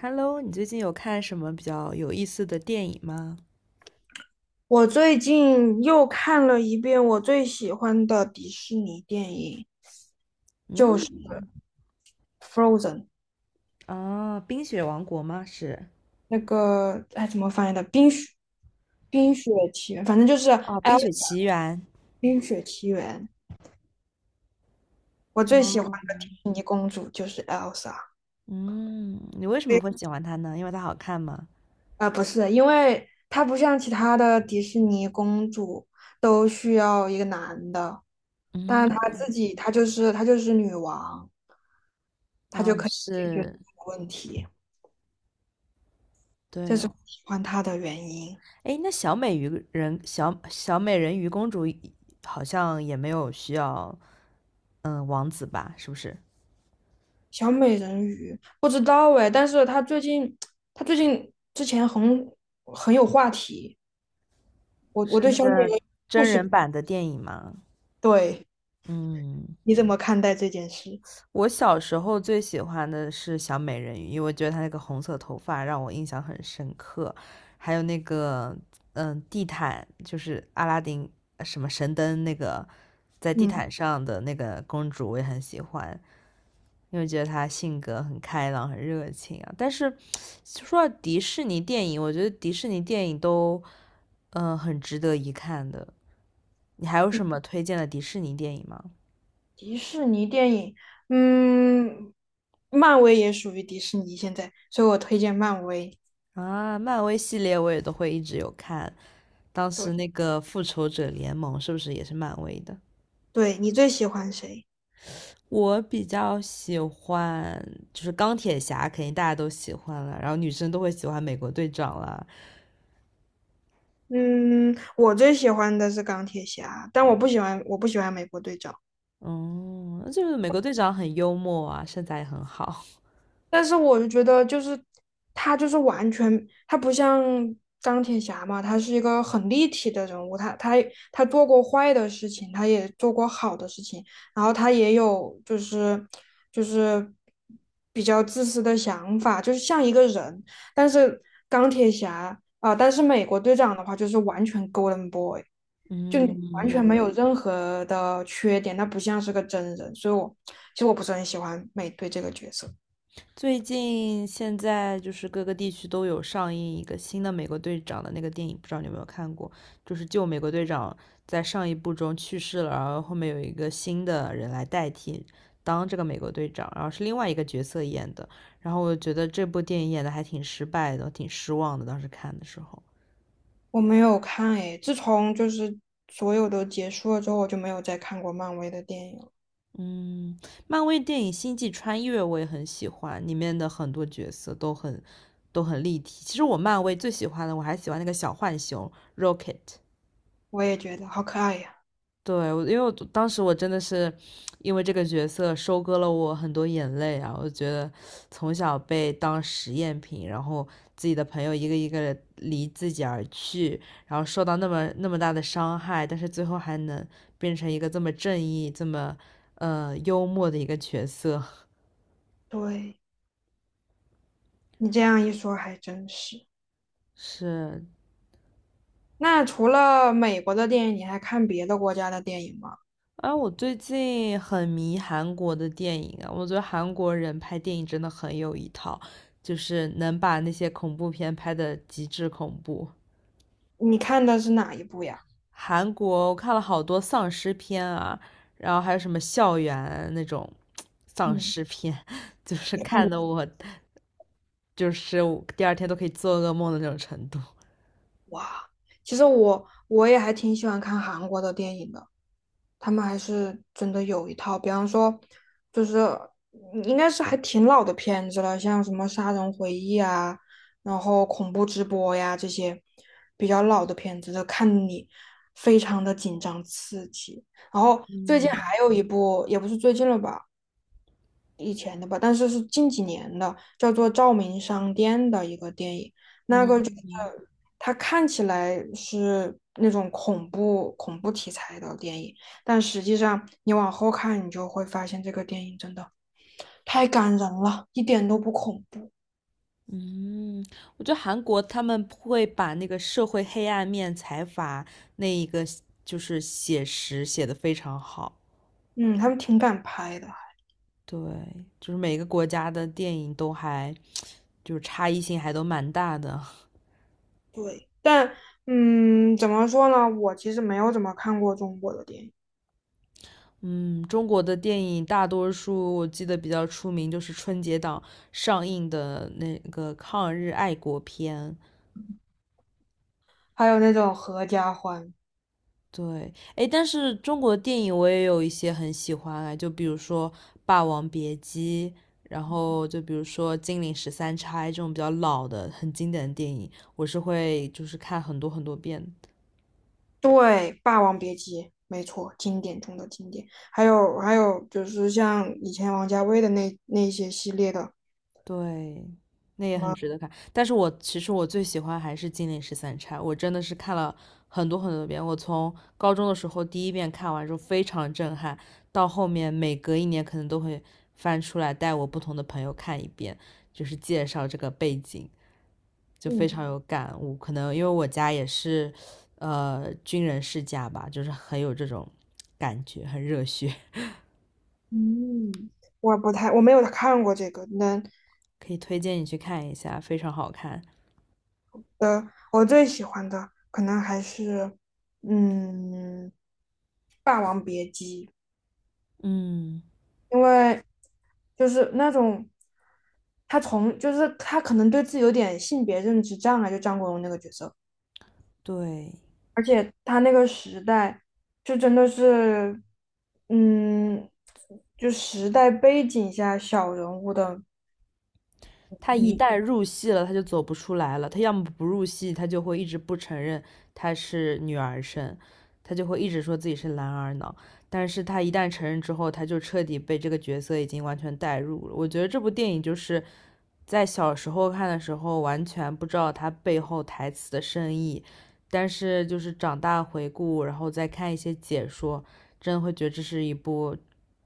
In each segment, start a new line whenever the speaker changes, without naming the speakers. Hello，你最近有看什么比较有意思的电影吗？
我最近又看了一遍我最喜欢的迪士尼电影，就是
嗯，
《Frozen》。
啊，《冰雪王国》吗？是，
那个哎怎么翻译的？冰雪奇缘，反正就是
哦，《冰
El
雪奇缘》。
冰雪奇缘。我最喜欢
哦，
的迪士尼公主就是 Elsa。啊，
嗯，你为什么会喜欢它呢？因为它好看吗？
不是，因为她不像其他的迪士尼公主都需要一个男的，但她自
嗯，
己她就是女王，她就
啊，
可以解决这
是，
个问题。这
对
是我
哦。
喜欢他的原因。
哎，那小美鱼人，小美人鱼公主好像也没有需要，嗯，王子吧？是不是？
小美人鱼不知道哎，但是他最近，他最近之前很有话题。我
是
对
那
小美
个
人鱼故
真
事，
人版的电影吗？
对，
嗯。
你怎么看待这件事？
我小时候最喜欢的是小美人鱼，因为我觉得她那个红色头发让我印象很深刻，还有那个地毯，就是阿拉丁什么神灯那个在地
嗯，
毯上的那个公主，我也很喜欢，因为觉得她性格很开朗、很热情啊。但是说到迪士尼电影，我觉得迪士尼电影都很值得一看的。你还有
迪
什么推荐的迪士尼电影吗？
迪士尼电影，嗯，漫威也属于迪士尼现在，所以我推荐漫威。
啊，漫威系列我也都会一直有看。当
对，
时那个复仇者联盟是不是也是漫威的？
对，你最喜欢谁？
我比较喜欢就是钢铁侠，肯定大家都喜欢了，然后女生都会喜欢美国队长啦。
嗯，我最喜欢的是钢铁侠，但我不喜欢美国队长。
嗯，就是美国队长很幽默啊，身材也很好。
但是我就觉得，就是他就是完全，他不像钢铁侠嘛，他是一个很立体的人物，他做过坏的事情，他也做过好的事情，然后他也有就是比较自私的想法，就是像一个人。但是钢铁侠啊、但是美国队长的话就是完全 Golden Boy,就你完全
嗯，
没有任何的缺点，那不像是个真人，所以我其实不是很喜欢美队这个角色。
最近现在就是各个地区都有上映一个新的美国队长的那个电影，不知道你有没有看过？就是旧美国队长在上一部中去世了，然后后面有一个新的人来代替当这个美国队长，然后是另外一个角色演的。然后我觉得这部电影演的还挺失败的，挺失望的。当时看的时候，
我没有看诶，自从就是所有都结束了之后，我就没有再看过漫威的电影了。
嗯，漫威电影《星际穿越》我也很喜欢，里面的很多角色都很都很立体。其实我漫威最喜欢的，我还喜欢那个小浣熊 Rocket。
我也觉得好可爱呀。
对，因为我当时我真的是因为这个角色收割了我很多眼泪啊！我觉得从小被当实验品，然后自己的朋友一个一个地离自己而去，然后受到那么大的伤害，但是最后还能变成一个这么正义、这么幽默的一个角色，
对，你这样一说还真是。
是
那除了美国的电影，你还看别的国家的电影吗？
啊，我最近很迷韩国的电影啊，我觉得韩国人拍电影真的很有一套，就是能把那些恐怖片拍的极致恐怖。
你看的是哪一部呀？
韩国我看了好多丧尸片啊，然后还有什么校园那种丧
嗯，
尸片，就是
你看
看
的
的我就是我第二天都可以做噩梦的那种程度。
哇，其实我也还挺喜欢看韩国的电影的。他们还是真的有一套，比方说，就是应该是还挺老的片子了，像什么《杀人回忆》啊，然后恐怖直播呀这些比较老的片子，看你非常的紧张刺激。然后最近
嗯
还有一部，也不是最近了吧，以前的吧，但是是近几年的，叫做《照明商店》的一个电影。
嗯。
它看起来是那种恐怖题材的电影，但实际上你往后看，你就会发现这个电影真的太感人了，一点都不恐怖。
嗯，我觉得韩国他们会把那个社会黑暗面、财阀那一个就是写实写的非常好。
嗯，他们挺敢拍的。
对，就是每个国家的电影都还就是差异性还都蛮大的。
对，但嗯，怎么说呢？我其实没有怎么看过中国的电影，
嗯，中国的电影大多数我记得比较出名就是春节档上映的那个抗日爱国片。
还有那种合家欢，
对，哎，但是中国电影我也有一些很喜欢啊，就比如说《霸王别姬》，然后就比如说《金陵十三钗》这种比较老的、很经典的电影，我是会就是看很多很多遍的。
对，《霸王别姬》，没错，经典中的经典。还有还有就是像以前王家卫的那些系列的，
对，那也很值得看。但是我其实最喜欢还是《金陵十三钗》，我真的是看了很多很多遍。我从高中的时候第一遍看完之后非常震撼，到后面每隔一年可能都会翻出来带我不同的朋友看一遍，就是介绍这个背景，就非
嗯，
常有感悟。可能因为我家也是，军人世家吧，就是很有这种感觉，很热血，
嗯，我不太，我没有看过这个。那
可以推荐你去看一下，非常好看。
呃，我最喜欢的可能还是嗯，《霸王别姬》，
嗯，
因为就是那种他从就是他可能对自己有点性别认知障碍，就张国荣那个角色，
对。
而且他那个时代就真的是嗯，就时代背景下小人物的。
他一旦入戏了，他就走不出来了。他要么不入戏，他就会一直不承认他是女儿身，他就会一直说自己是男儿脑。但是他一旦承认之后，他就彻底被这个角色已经完全带入了。我觉得这部电影就是在小时候看的时候，完全不知道它背后台词的深意，但是就是长大回顾，然后再看一些解说，真的会觉得这是一部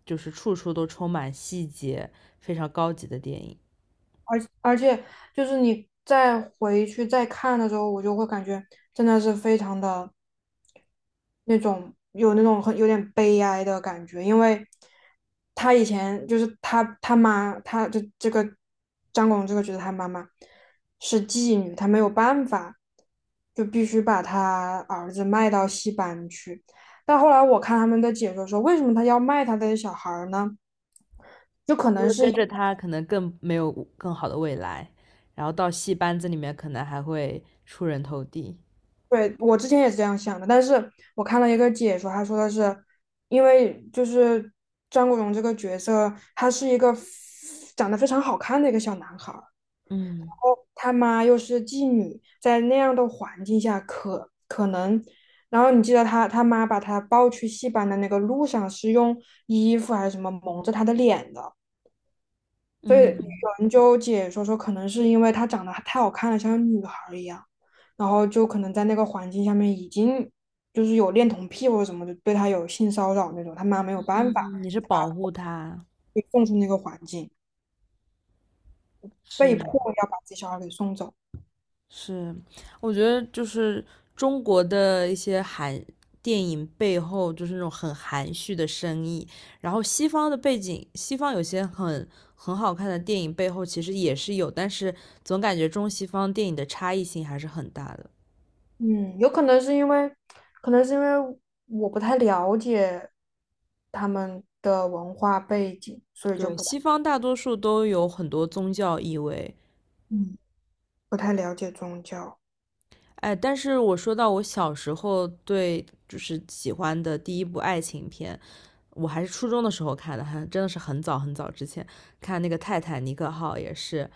就是处处都充满细节、非常高级的电影。
而且就是你再回去再看的时候，我就会感觉真的是非常的那种有那种很有点悲哀的感觉，因为他以前就是他他妈，他就这个张广这个角色他妈妈是妓女，他没有办法，就必须把他儿子卖到戏班去。但后来我看他们的解说说，为什么他要卖他的小孩儿呢？就可
因
能
为
是。
跟着他可能更没有更好的未来，然后到戏班子里面可能还会出人头地。
对，我之前也是这样想的，但是我看了一个解说，他说的是，因为就是张国荣这个角色，他是一个长得非常好看的一个小男孩儿然
嗯
后他妈又是妓女，在那样的环境下可能，然后你记得他他妈把他抱去戏班的那个路上是用衣服还是什么蒙着他的脸的，所以有
嗯，
人就解说说，可能是因为她长得太好看了，像个女孩儿一样，然后就可能在那个环境下面已经就是有恋童癖或者什么，的，对她有性骚扰那种，她妈没有办法，
嗯你是
才把
保护
她
他，
给送出那个环境，被迫
是
要把自己小孩给送走。
是，我觉得就是中国的一些含电影背后就是那种很含蓄的深意，然后西方的背景，西方有些很很好看的电影背后其实也是有，但是总感觉中西方电影的差异性还是很大的。
嗯，有可能是因为，可能是因为我不太了解他们的文化背景，所以就
对，
不太，
西方大多数都有很多宗教意味，
嗯，不太了解宗教。
哎，但是我说到我小时候对就是喜欢的第一部爱情片，我还是初中的时候看的，还真的是很早很早之前看那个《泰坦尼克号》，也是，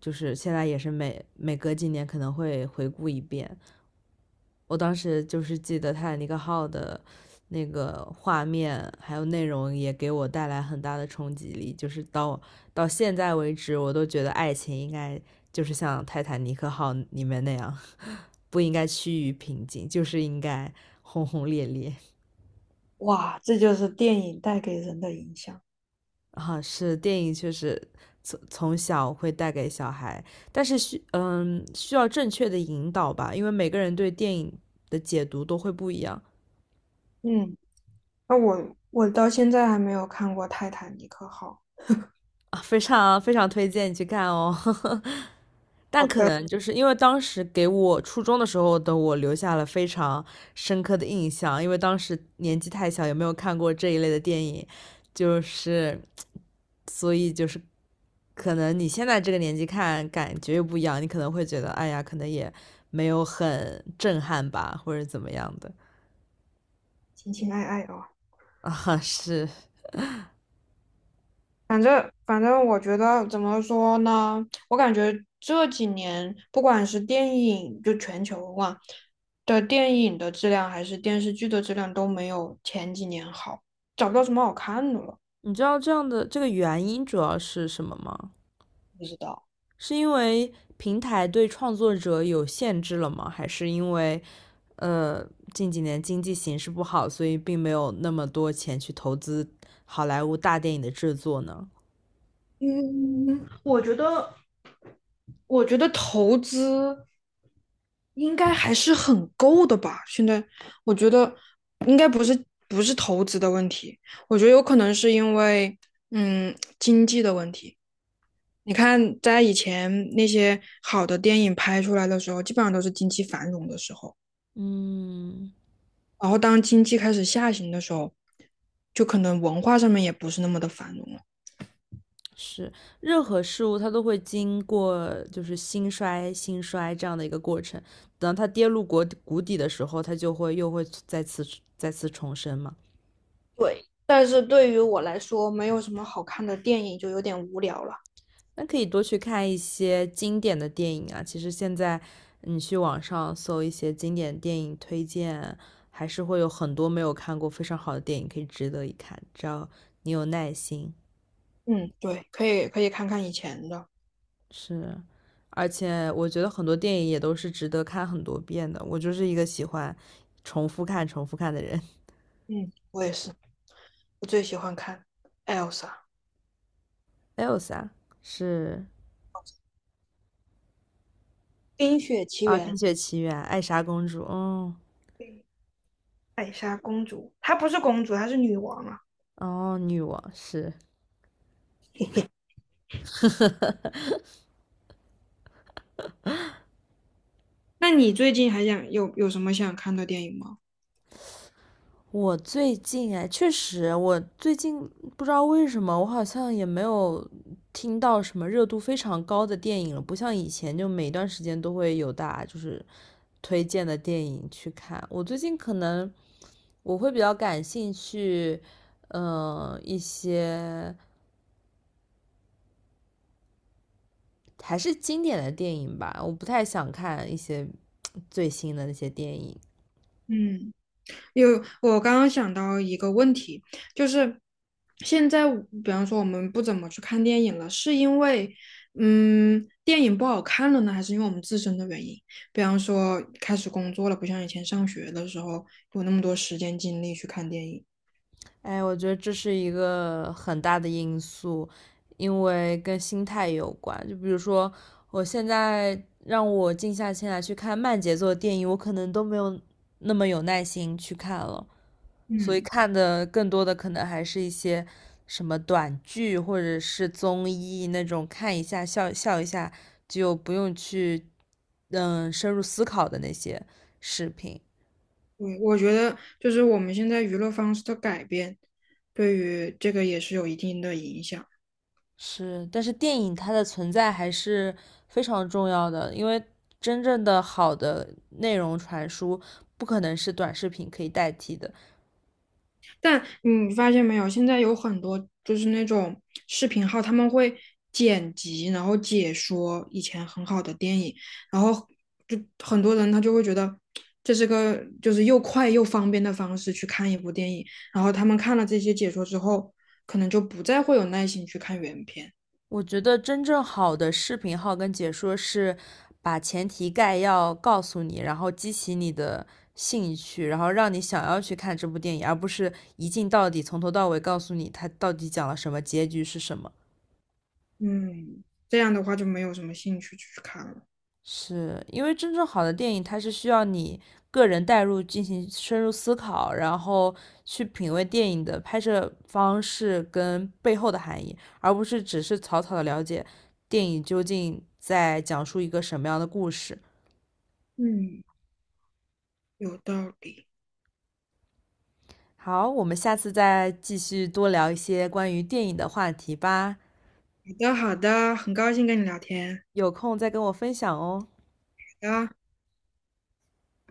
就是现在也是每隔几年可能会回顾一遍。我当时就是记得《泰坦尼克号》的那个画面还有内容也给我带来很大的冲击力，就是到现在为止，我都觉得爱情应该就是像《泰坦尼克号》里面那样，不应该趋于平静，就是应该轰轰烈烈。
哇，这就是电影带给人的影响。
啊，是电影确实从小会带给小孩，但是需要正确的引导吧，因为每个人对电影的解读都会不一样
嗯，那我到现在还没有看过《泰坦尼克号》，
啊，非常非常推荐你去看哦。但
好
可
的，
能就是因为当时给我初中的时候的我留下了非常深刻的印象，因为当时年纪太小，也没有看过这一类的电影，就是所以就是可能你现在这个年纪看感觉又不一样，你可能会觉得哎呀，可能也没有很震撼吧，或者怎么样的
情情爱爱哦。
啊？是，
反正，我觉得怎么说呢？我感觉这几年不管是电影，就全球嘛的电影的质量，还是电视剧的质量都没有前几年好，找不到什么好看的了。
你知道这样的这个原因主要是什么吗？
不知道，
是因为平台对创作者有限制了吗？还是因为？呃，近几年经济形势不好，所以并没有那么多钱去投资好莱坞大电影的制作呢。
嗯，我觉得投资应该还是很够的吧。现在我觉得应该不是投资的问题，我觉得有可能是因为经济的问题。你看，在以前那些好的电影拍出来的时候，基本上都是经济繁荣的时候，
嗯，
然后当经济开始下行的时候，就可能文化上面也不是那么的繁荣了。
是，任何事物它都会经过就是兴衰、兴衰这样的一个过程。等到它跌入国谷底的时候，它就会又会再次重生嘛。
对，但是对于我来说，没有什么好看的电影就有点无聊了。
那可以多去看一些经典的电影啊。其实现在你去网上搜一些经典电影推荐，还是会有很多没有看过非常好的电影可以值得一看，只要你有耐心。
嗯，对，可以看看以前的。
是，而且我觉得很多电影也都是值得看很多遍的。我就是一个喜欢重复看、重复看的人。
嗯，我也是，我最喜欢看 Elsa
还有啥？是
《冰雪奇
啊，
缘》
《冰雪奇缘》、《艾莎公主》，嗯，
艾莎公主，她不是公主，她是女王啊。
哦，女王是。
那你最近还想有什么想看的电影吗？
我最近哎，确实，我最近不知道为什么，我好像也没有听到什么热度非常高的电影了，不像以前就每段时间都会有大家就是推荐的电影去看。我最近可能我会比较感兴趣，一些还是经典的电影吧，我不太想看一些最新的那些电影。
嗯，有，我刚刚想到一个问题，就是现在我比方说我们不怎么去看电影了，是因为电影不好看了呢，还是因为我们自身的原因？比方说开始工作了，不像以前上学的时候有那么多时间精力去看电影。
哎，我觉得这是一个很大的因素，因为跟心态有关。就比如说，我现在让我静下心来去看慢节奏的电影，我可能都没有那么有耐心去看了，所以
嗯，
看的更多的可能还是一些什么短剧或者是综艺那种，看一下笑笑一下，就不用去深入思考的那些视频。
对，我觉得就是我们现在娱乐方式的改变，对于这个也是有一定的影响。
是，但是电影它的存在还是非常重要的，因为真正的好的内容传输不可能是短视频可以代替的。
但你发现没有，现在有很多就是那种视频号，他们会剪辑，然后解说以前很好的电影，然后就很多人他就会觉得这是个就是又快又方便的方式去看一部电影，然后他们看了这些解说之后，可能就不再会有耐心去看原片。
我觉得真正好的视频号跟解说是把前提概要告诉你，然后激起你的兴趣，然后让你想要去看这部电影，而不是一镜到底，从头到尾告诉你它到底讲了什么，结局是什么。
嗯，这样的话就没有什么兴趣去看了。
是因为真正好的电影，它是需要你个人带入进行深入思考，然后去品味电影的拍摄方式跟背后的含义，而不是只是草草的了解电影究竟在讲述一个什么样的故事。
嗯，有道理。
好，我们下次再继续多聊一些关于电影的话题吧，
好的，好的，很高兴跟你聊天。
有空再跟我分享哦。
好的。